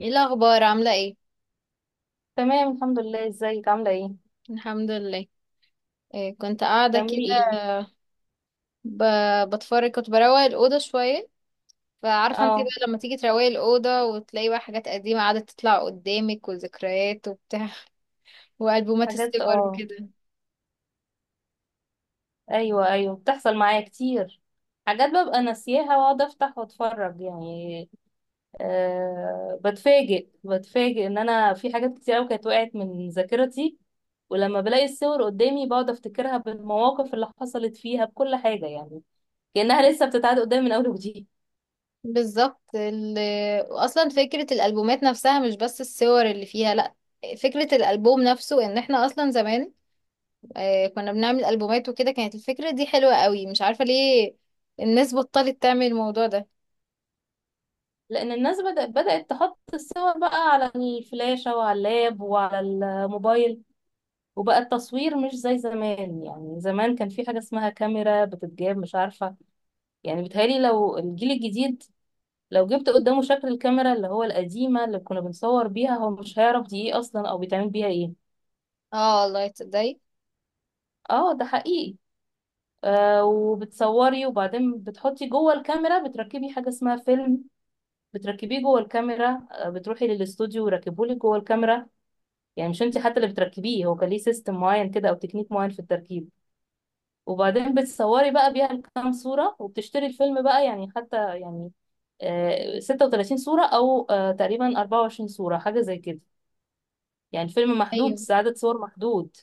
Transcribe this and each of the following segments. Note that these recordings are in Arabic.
ايه الاخبار؟ عامله ايه؟ تمام، الحمد لله. ازيك؟ عاملة ايه؟ الحمد لله. إيه، كنت قاعده كده. بتعملي ايه؟ بتفرج، كنت بروق الاوضه شويه. فعارفه انت اه. بقى لما تيجي تروقي الاوضه وتلاقي بقى حاجات قديمه قاعده تطلع قدامك، وذكريات وبتاع. والبومات حاجات الصور اه. وكده. ايوه ايوه، بتحصل معايا كتير. حاجات ببقى ناسياها واقعد افتح واتفرج يعني. أه، بتفاجئ ان انا في حاجات كتير قوي كانت وقعت من ذاكرتي. ولما بلاقي الصور قدامي بقعد افتكرها بالمواقف اللي حصلت فيها بكل حاجة يعني، كأنها لسه بتتعاد قدامي من اول وجديد. بالظبط. اصلا فكره الالبومات نفسها، مش بس الصور اللي فيها، لا. فكره الالبوم نفسه، ان احنا اصلا زمان كنا بنعمل البومات وكده، كانت الفكره دي حلوه قوي، مش عارفه ليه الناس بطلت تعمل الموضوع ده. لأن الناس بدأت تحط الصور بقى على الفلاشة وعلى اللاب وعلى الموبايل. وبقى التصوير مش زي زمان، يعني زمان كان في حاجة اسمها كاميرا بتتجاب، مش عارفة. يعني بيتهيألي لو الجيل الجديد لو جبت قدامه شكل الكاميرا اللي هو القديمة اللي كنا بنصور بيها، هو مش هيعرف دي ايه اصلا او بيتعمل بيها ايه. اه والله، تصدقي. اه، ده حقيقي. وبتصوري، وبعدين بتحطي جوه الكاميرا بتركبي حاجة اسمها فيلم. بتركبيه جوه الكاميرا، بتروحي للاستوديو ويركبولك جوه الكاميرا، يعني مش انت حتى اللي بتركبيه، هو كان ليه سيستم معين كده او تكنيك معين في التركيب. وبعدين بتصوري بقى بيها كام صورة، وبتشتري الفيلم بقى يعني حتى يعني 36 صورة أو تقريبا 24 صورة، حاجة زي كده. يعني الفيلم محدود، ايوه، عدد صور محدود.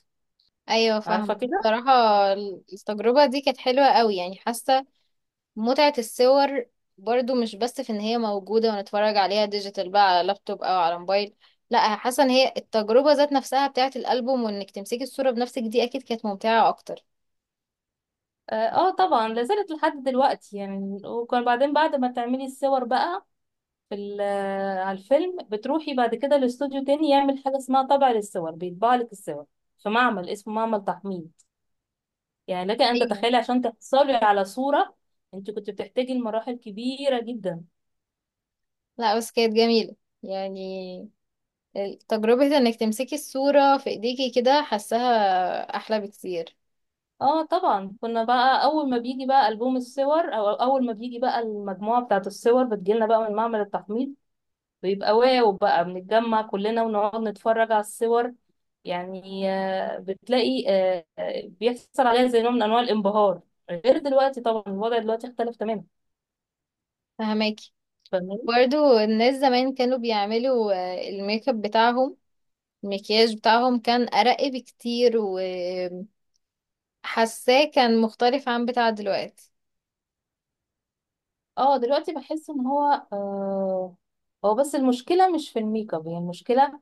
ايوه، عارفة فاهمه كده؟ بصراحه. التجربه دي كانت حلوه قوي، يعني حاسه متعه الصور برضو مش بس في ان هي موجوده ونتفرج عليها ديجيتال بقى على لابتوب او على موبايل، لا، حاسه ان هي التجربه ذات نفسها بتاعه الالبوم، وانك تمسكي الصوره بنفسك، دي اكيد كانت ممتعه اكتر. اه طبعا لازالت لحد دلوقتي. يعني وكان بعدين بعد ما تعملي الصور بقى في على الفيلم، بتروحي بعد كده لاستوديو تاني يعمل حاجة اسمها طبع للصور، بيطبع لك الصور في معمل اسمه معمل تحميل. يعني لك أن ايوه. تتخيلي عشان تحصلي على صورة انت كنت بتحتاجي لمراحل كبيرة جدا. لا، بس كانت جميله، يعني تجربه انك تمسكي الصوره في ايديكي كده، حاساها احلى بكتير. اه طبعا، كنا بقى اول ما بيجي بقى ألبوم الصور او اول ما بيجي بقى المجموعة بتاعة الصور بتجيلنا بقى من معمل التحميض، بيبقى واو بقى، بنتجمع كلنا ونقعد نتفرج على الصور. يعني بتلاقي بيحصل عليها زي نوع من انواع الانبهار. غير دلوقتي طبعا، الوضع دلوقتي اختلف تماما. فهماكي؟ فاهماني؟ برضو الناس زمان كانوا بيعملوا الميك اب بتاعهم، المكياج بتاعهم كان أرق بكتير، وحاساه كان مختلف عن بتاع دلوقتي. اه دلوقتي بحس ان هو آه. هو بس المشكلة مش في الميك اب، هي المشكلة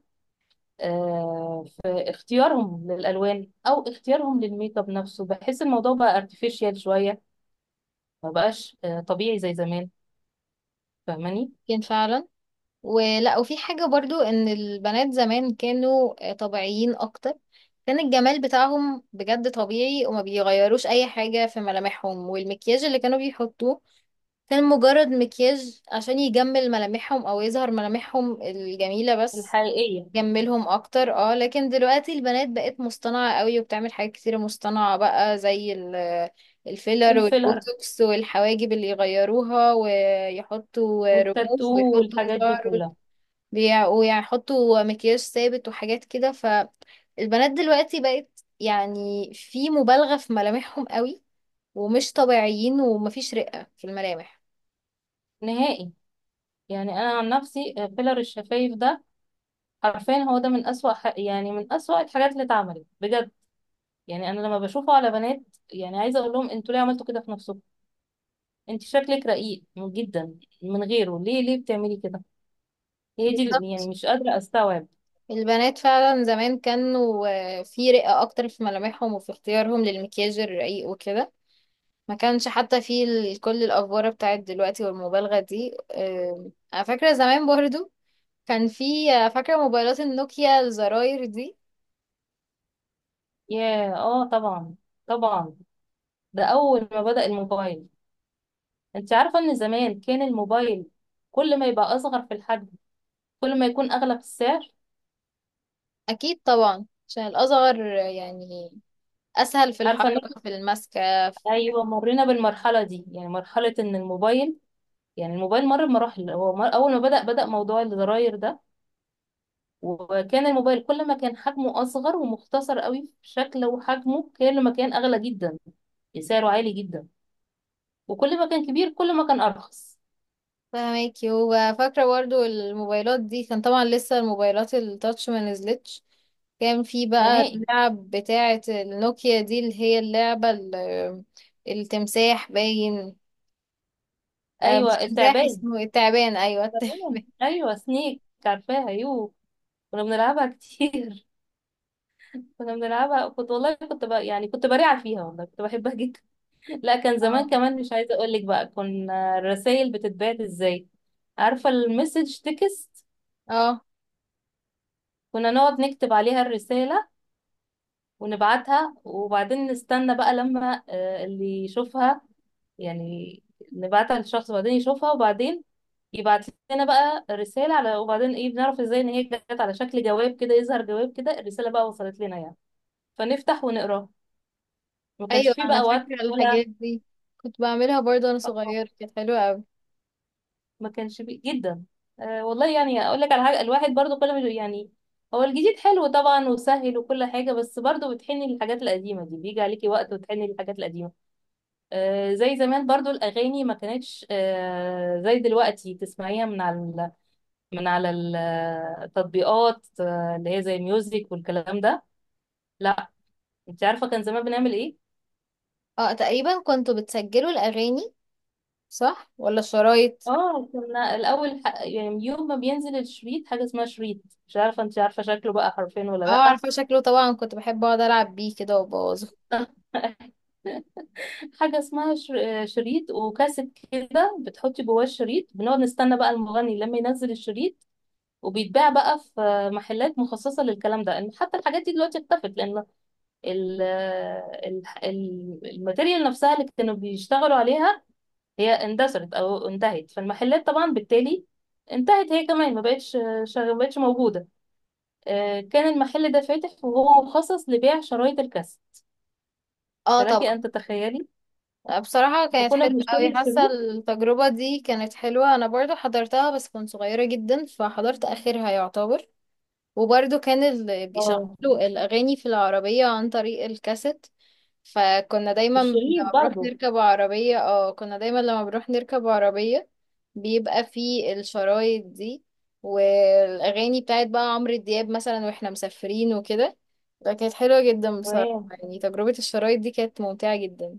في اختيارهم للالوان او اختيارهم للميك اب نفسه، بحس الموضوع بقى ارتفيشال شويه. ما بقاش طبيعي زي زمان. فاهماني؟ كان فعلا. ولا، وفي حاجة برضو ان البنات زمان كانوا طبيعيين اكتر، كان الجمال بتاعهم بجد طبيعي، وما بيغيروش اي حاجة في ملامحهم، والمكياج اللي كانوا بيحطوه كان مجرد مكياج عشان يجمل ملامحهم او يظهر ملامحهم الجميلة بس، الحقيقيه. جملهم اكتر. اه، لكن دلوقتي البنات بقت مصطنعة قوي، وبتعمل حاجات كتيرة مصطنعة بقى زي الفيلر الفيلر والبوتوكس والحواجب اللي يغيروها، ويحطوا رموش، والتاتو ويحطوا والحاجات دي شعر، كلها. ويحطوا مكياج ثابت وحاجات كده، فالبنات دلوقتي بقت يعني في مبالغة في ملامحهم قوي، ومش طبيعيين، ومفيش رقة في الملامح. نهائي. يعني انا عن نفسي، فيلر الشفايف ده حرفيا هو ده من اسوأ يعني من اسوأ الحاجات اللي اتعملت بجد. يعني انا لما بشوفه على بنات، يعني عايزه اقول لهم انتوا ليه عملتوا كده في نفسكم؟ انت شكلك رقيق جدا من غيره، ليه بتعملي كده؟ هي دي يعني بالظبط، مش قادره استوعب. البنات فعلا زمان كانوا في رقة أكتر في ملامحهم، وفي اختيارهم للمكياج الرقيق وكده، ما كانش حتى في كل الأفوارة بتاعت دلوقتي والمبالغة دي. أنا فاكرة زمان برضو كان في، فاكرة موبايلات النوكيا الزراير دي. ياه، اه طبعا. طبعا. ده اول ما بدأ الموبايل. انت عارفة ان زمان كان الموبايل كل ما يبقى اصغر في الحجم كل ما يكون اغلى في السعر. أكيد طبعا، عشان الأصغر يعني أسهل في عارفة ان احنا، الحركة، في المسكة. ايوه، مرينا بالمرحلة دي. يعني مرحلة ان الموبايل، يعني الموبايل مر بمراحل. اول ما بدأ موضوع الزراير ده، وكان الموبايل كل ما كان حجمه اصغر ومختصر قوي في شكله وحجمه كل ما كان اغلى جدا، يعني سعره عالي جدا. وكل ما كان كبير كل ما كان ارخص. فاهماكي. وفاكرة برضو الموبايلات دي، كان طبعا لسه الموبايلات التاتش ما نزلتش، كان في بقى نهائي. اللعب بتاعة النوكيا دي، اللي هي اللعبة التمساح، باين. آه، مش ايوه تمساح. التعبان. اسمه إيه؟ التعبان، ايوه تمام. التعبان. ايوه، سنيك، عارفاها يو. كنا بنلعبها كتير. كنا بنلعبها، كنت والله يعني كنت بريعة فيها، والله كنت بحبها جدا. لا، كان زمان اه. كمان، مش عايزة اقول لك بقى كنا الرسائل بتتبعت ازاي. عارفة المسج تكست؟ اه. كنا نقعد نكتب عليها الرسالة ونبعتها وبعدين نستنى بقى لما اللي يشوفها يعني. نبعتها للشخص وبعدين يشوفها وبعدين يبعت لنا بقى رسالة على، وبعدين ايه بنعرف ازاي ان هي جت؟ على شكل جواب كده، يظهر جواب كده، الرسالة بقى وصلت لنا يعني، فنفتح ونقراها. ما كانش ايوه، فيه انا بقى وقت فاكرة ولا الحاجات دي، كنت بعملها برضو وانا آه، صغيرة، كانت حلوة اوي. ما كانش فيه جدا. أه والله، يعني اقول لك على حاجة، الواحد برضو كل ما يعني هو الجديد حلو طبعا وسهل وكل حاجة، بس برضو بتحني للحاجات القديمة دي، بيجي عليكي وقت وتحني للحاجات القديمة. أه زي زمان برضو الأغاني ما كانتش أه زي دلوقتي تسمعيها من على من على التطبيقات اللي هي زي ميوزك والكلام ده. لا. انت عارفه كان زمان بنعمل ايه؟ اه، تقريبا كنتوا بتسجلوا الاغاني، صح ولا الشرايط؟ اه كنا الاول يعني يوم ما بينزل الشريط، حاجه اسمها شريط. مش عارفه انت عارفه شكله بقى حرفين ولا اه، لا. عارفة شكله طبعا، كنت بحب اقعد العب بيه كده وابوظه. حاجه اسمها شريط وكاسيت كده، بتحطي جواه الشريط. بنقعد نستنى بقى المغني لما ينزل الشريط، وبيتباع بقى في محلات مخصصه للكلام ده. ان حتى الحاجات دي دلوقتي اختفت لان الماتيريال نفسها اللي كانوا بيشتغلوا عليها هي اندثرت او انتهت، فالمحلات طبعا بالتالي انتهت هي كمان، ما بقتش ما بقتش موجوده. كان المحل ده فاتح وهو مخصص لبيع شرايط الكاسيت، اه فلك طبعا. ان تتخيلي. بصراحة كانت وكنا حلوة بنشتري أوي، حاسة الشريط. التجربة دي كانت حلوة، أنا برضو حضرتها بس كنت صغيرة جدا، فحضرت آخرها يعتبر. وبرضو كان اللي اه بيشغلوا الأغاني في العربية عن طريق الكاسيت، فكنا دايما لما الشريط بنروح برضه. نركب عربية اه كنا دايما لما بنروح نركب عربية بيبقى في الشرايط دي، والأغاني بتاعت بقى عمرو دياب مثلا، واحنا مسافرين وكده. ده كانت حلوة جدا بصراحة، تمام. يعني تجربة الشرايط دي كانت ممتعة جدا.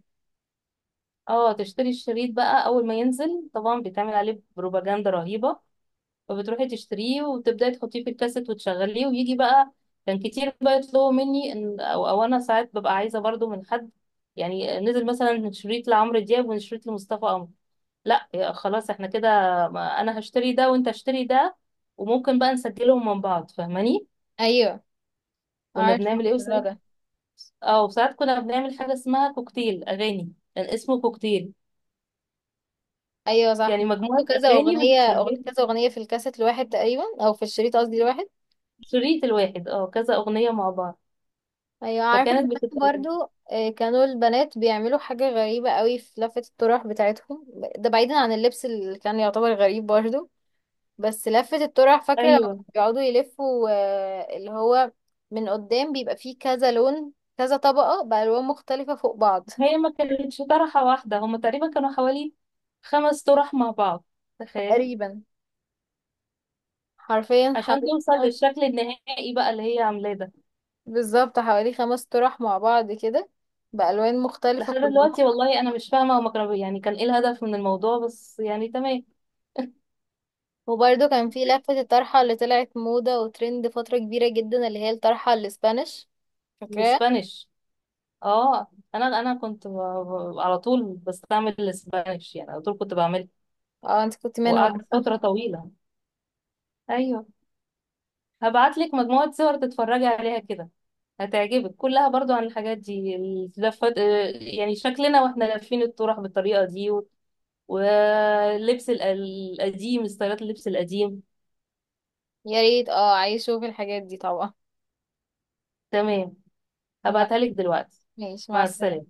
اه تشتري الشريط بقى اول ما ينزل طبعا بيتعمل عليه بروباجندا رهيبه، فبتروحي تشتريه وتبداي تحطيه في الكاسيت وتشغليه ويجي بقى. كان كتير بقى يطلبوا مني ان أو انا ساعات ببقى عايزه برضو من حد. يعني نزل مثلا شريط لعمرو دياب وشريط لمصطفى قمر، لا يا خلاص احنا كده، انا هشتري ده وانت اشتري ده، وممكن بقى نسجلهم من بعض فاهماني. أيوة. كنا عارفة بنعمل ايه الموضوع وساعات، ده. اه وساعات كنا بنعمل حاجه اسمها كوكتيل اغاني، كان اسمه كوكتيل. ايوه صح، يعني مجموعه بيحطوا كذا اغاني اغنية بنسجلها كذا اغنية في الكاسيت الواحد تقريبا، او في الشريط قصدي الواحد. في الشريط الواحد، اه كذا اغنيه مع بعض، ايوه، عارفة فكانت زمان بتبقى. برضو كانوا البنات بيعملوا حاجة غريبة قوي في لفة الطرح بتاعتهم، ده بعيدا عن اللبس اللي كان يعتبر غريب برضو. بس لفة الطرح، فاكرة لما ايوه كانوا بيقعدوا يلفوا اللي هو من قدام بيبقى فيه كذا لون، كذا طبقة بألوان مختلفة فوق بعض. هي ما كانتش طرحة واحدة، هما تقريبا كانوا حوالي 5 طرح مع بعض، تخيلي، تقريبا. حرفيا عشان توصل حوالي. للشكل النهائي بقى اللي هي عاملاه ده. بالظبط، حوالي خمس طرح مع بعض كده، بألوان مختلفة لحد كلهم. دلوقتي والله انا مش فاهمة هما كانوا يعني كان ايه الهدف من الموضوع، بس يعني تمام. وبرده كان في لفة الطرحة اللي طلعت موضة وترند فترة كبيرة جدا، اللي هي الطرحة الاسبانيش. فاكراها؟ الاسبانيش اه. انا كنت على طول بستعمل الاسبانيش، يعني على طول كنت بعمل، اه، انت كنت منهم. وقعدت فترة طويلة. ايوه. هبعتلك مجموعة صور تتفرجي عليها كده، هتعجبك كلها برضو عن الحاجات دي اللفات، يعني شكلنا واحنا لافين الطرح بالطريقة دي و- واللبس القديم، ستايلات اللبس القديم. يا ريت، اه عايشوا في الحاجات دي طبعا. تمام. ما- هبعتها لك دلوقتي. ماشي، مع مع السلامة. السلامة.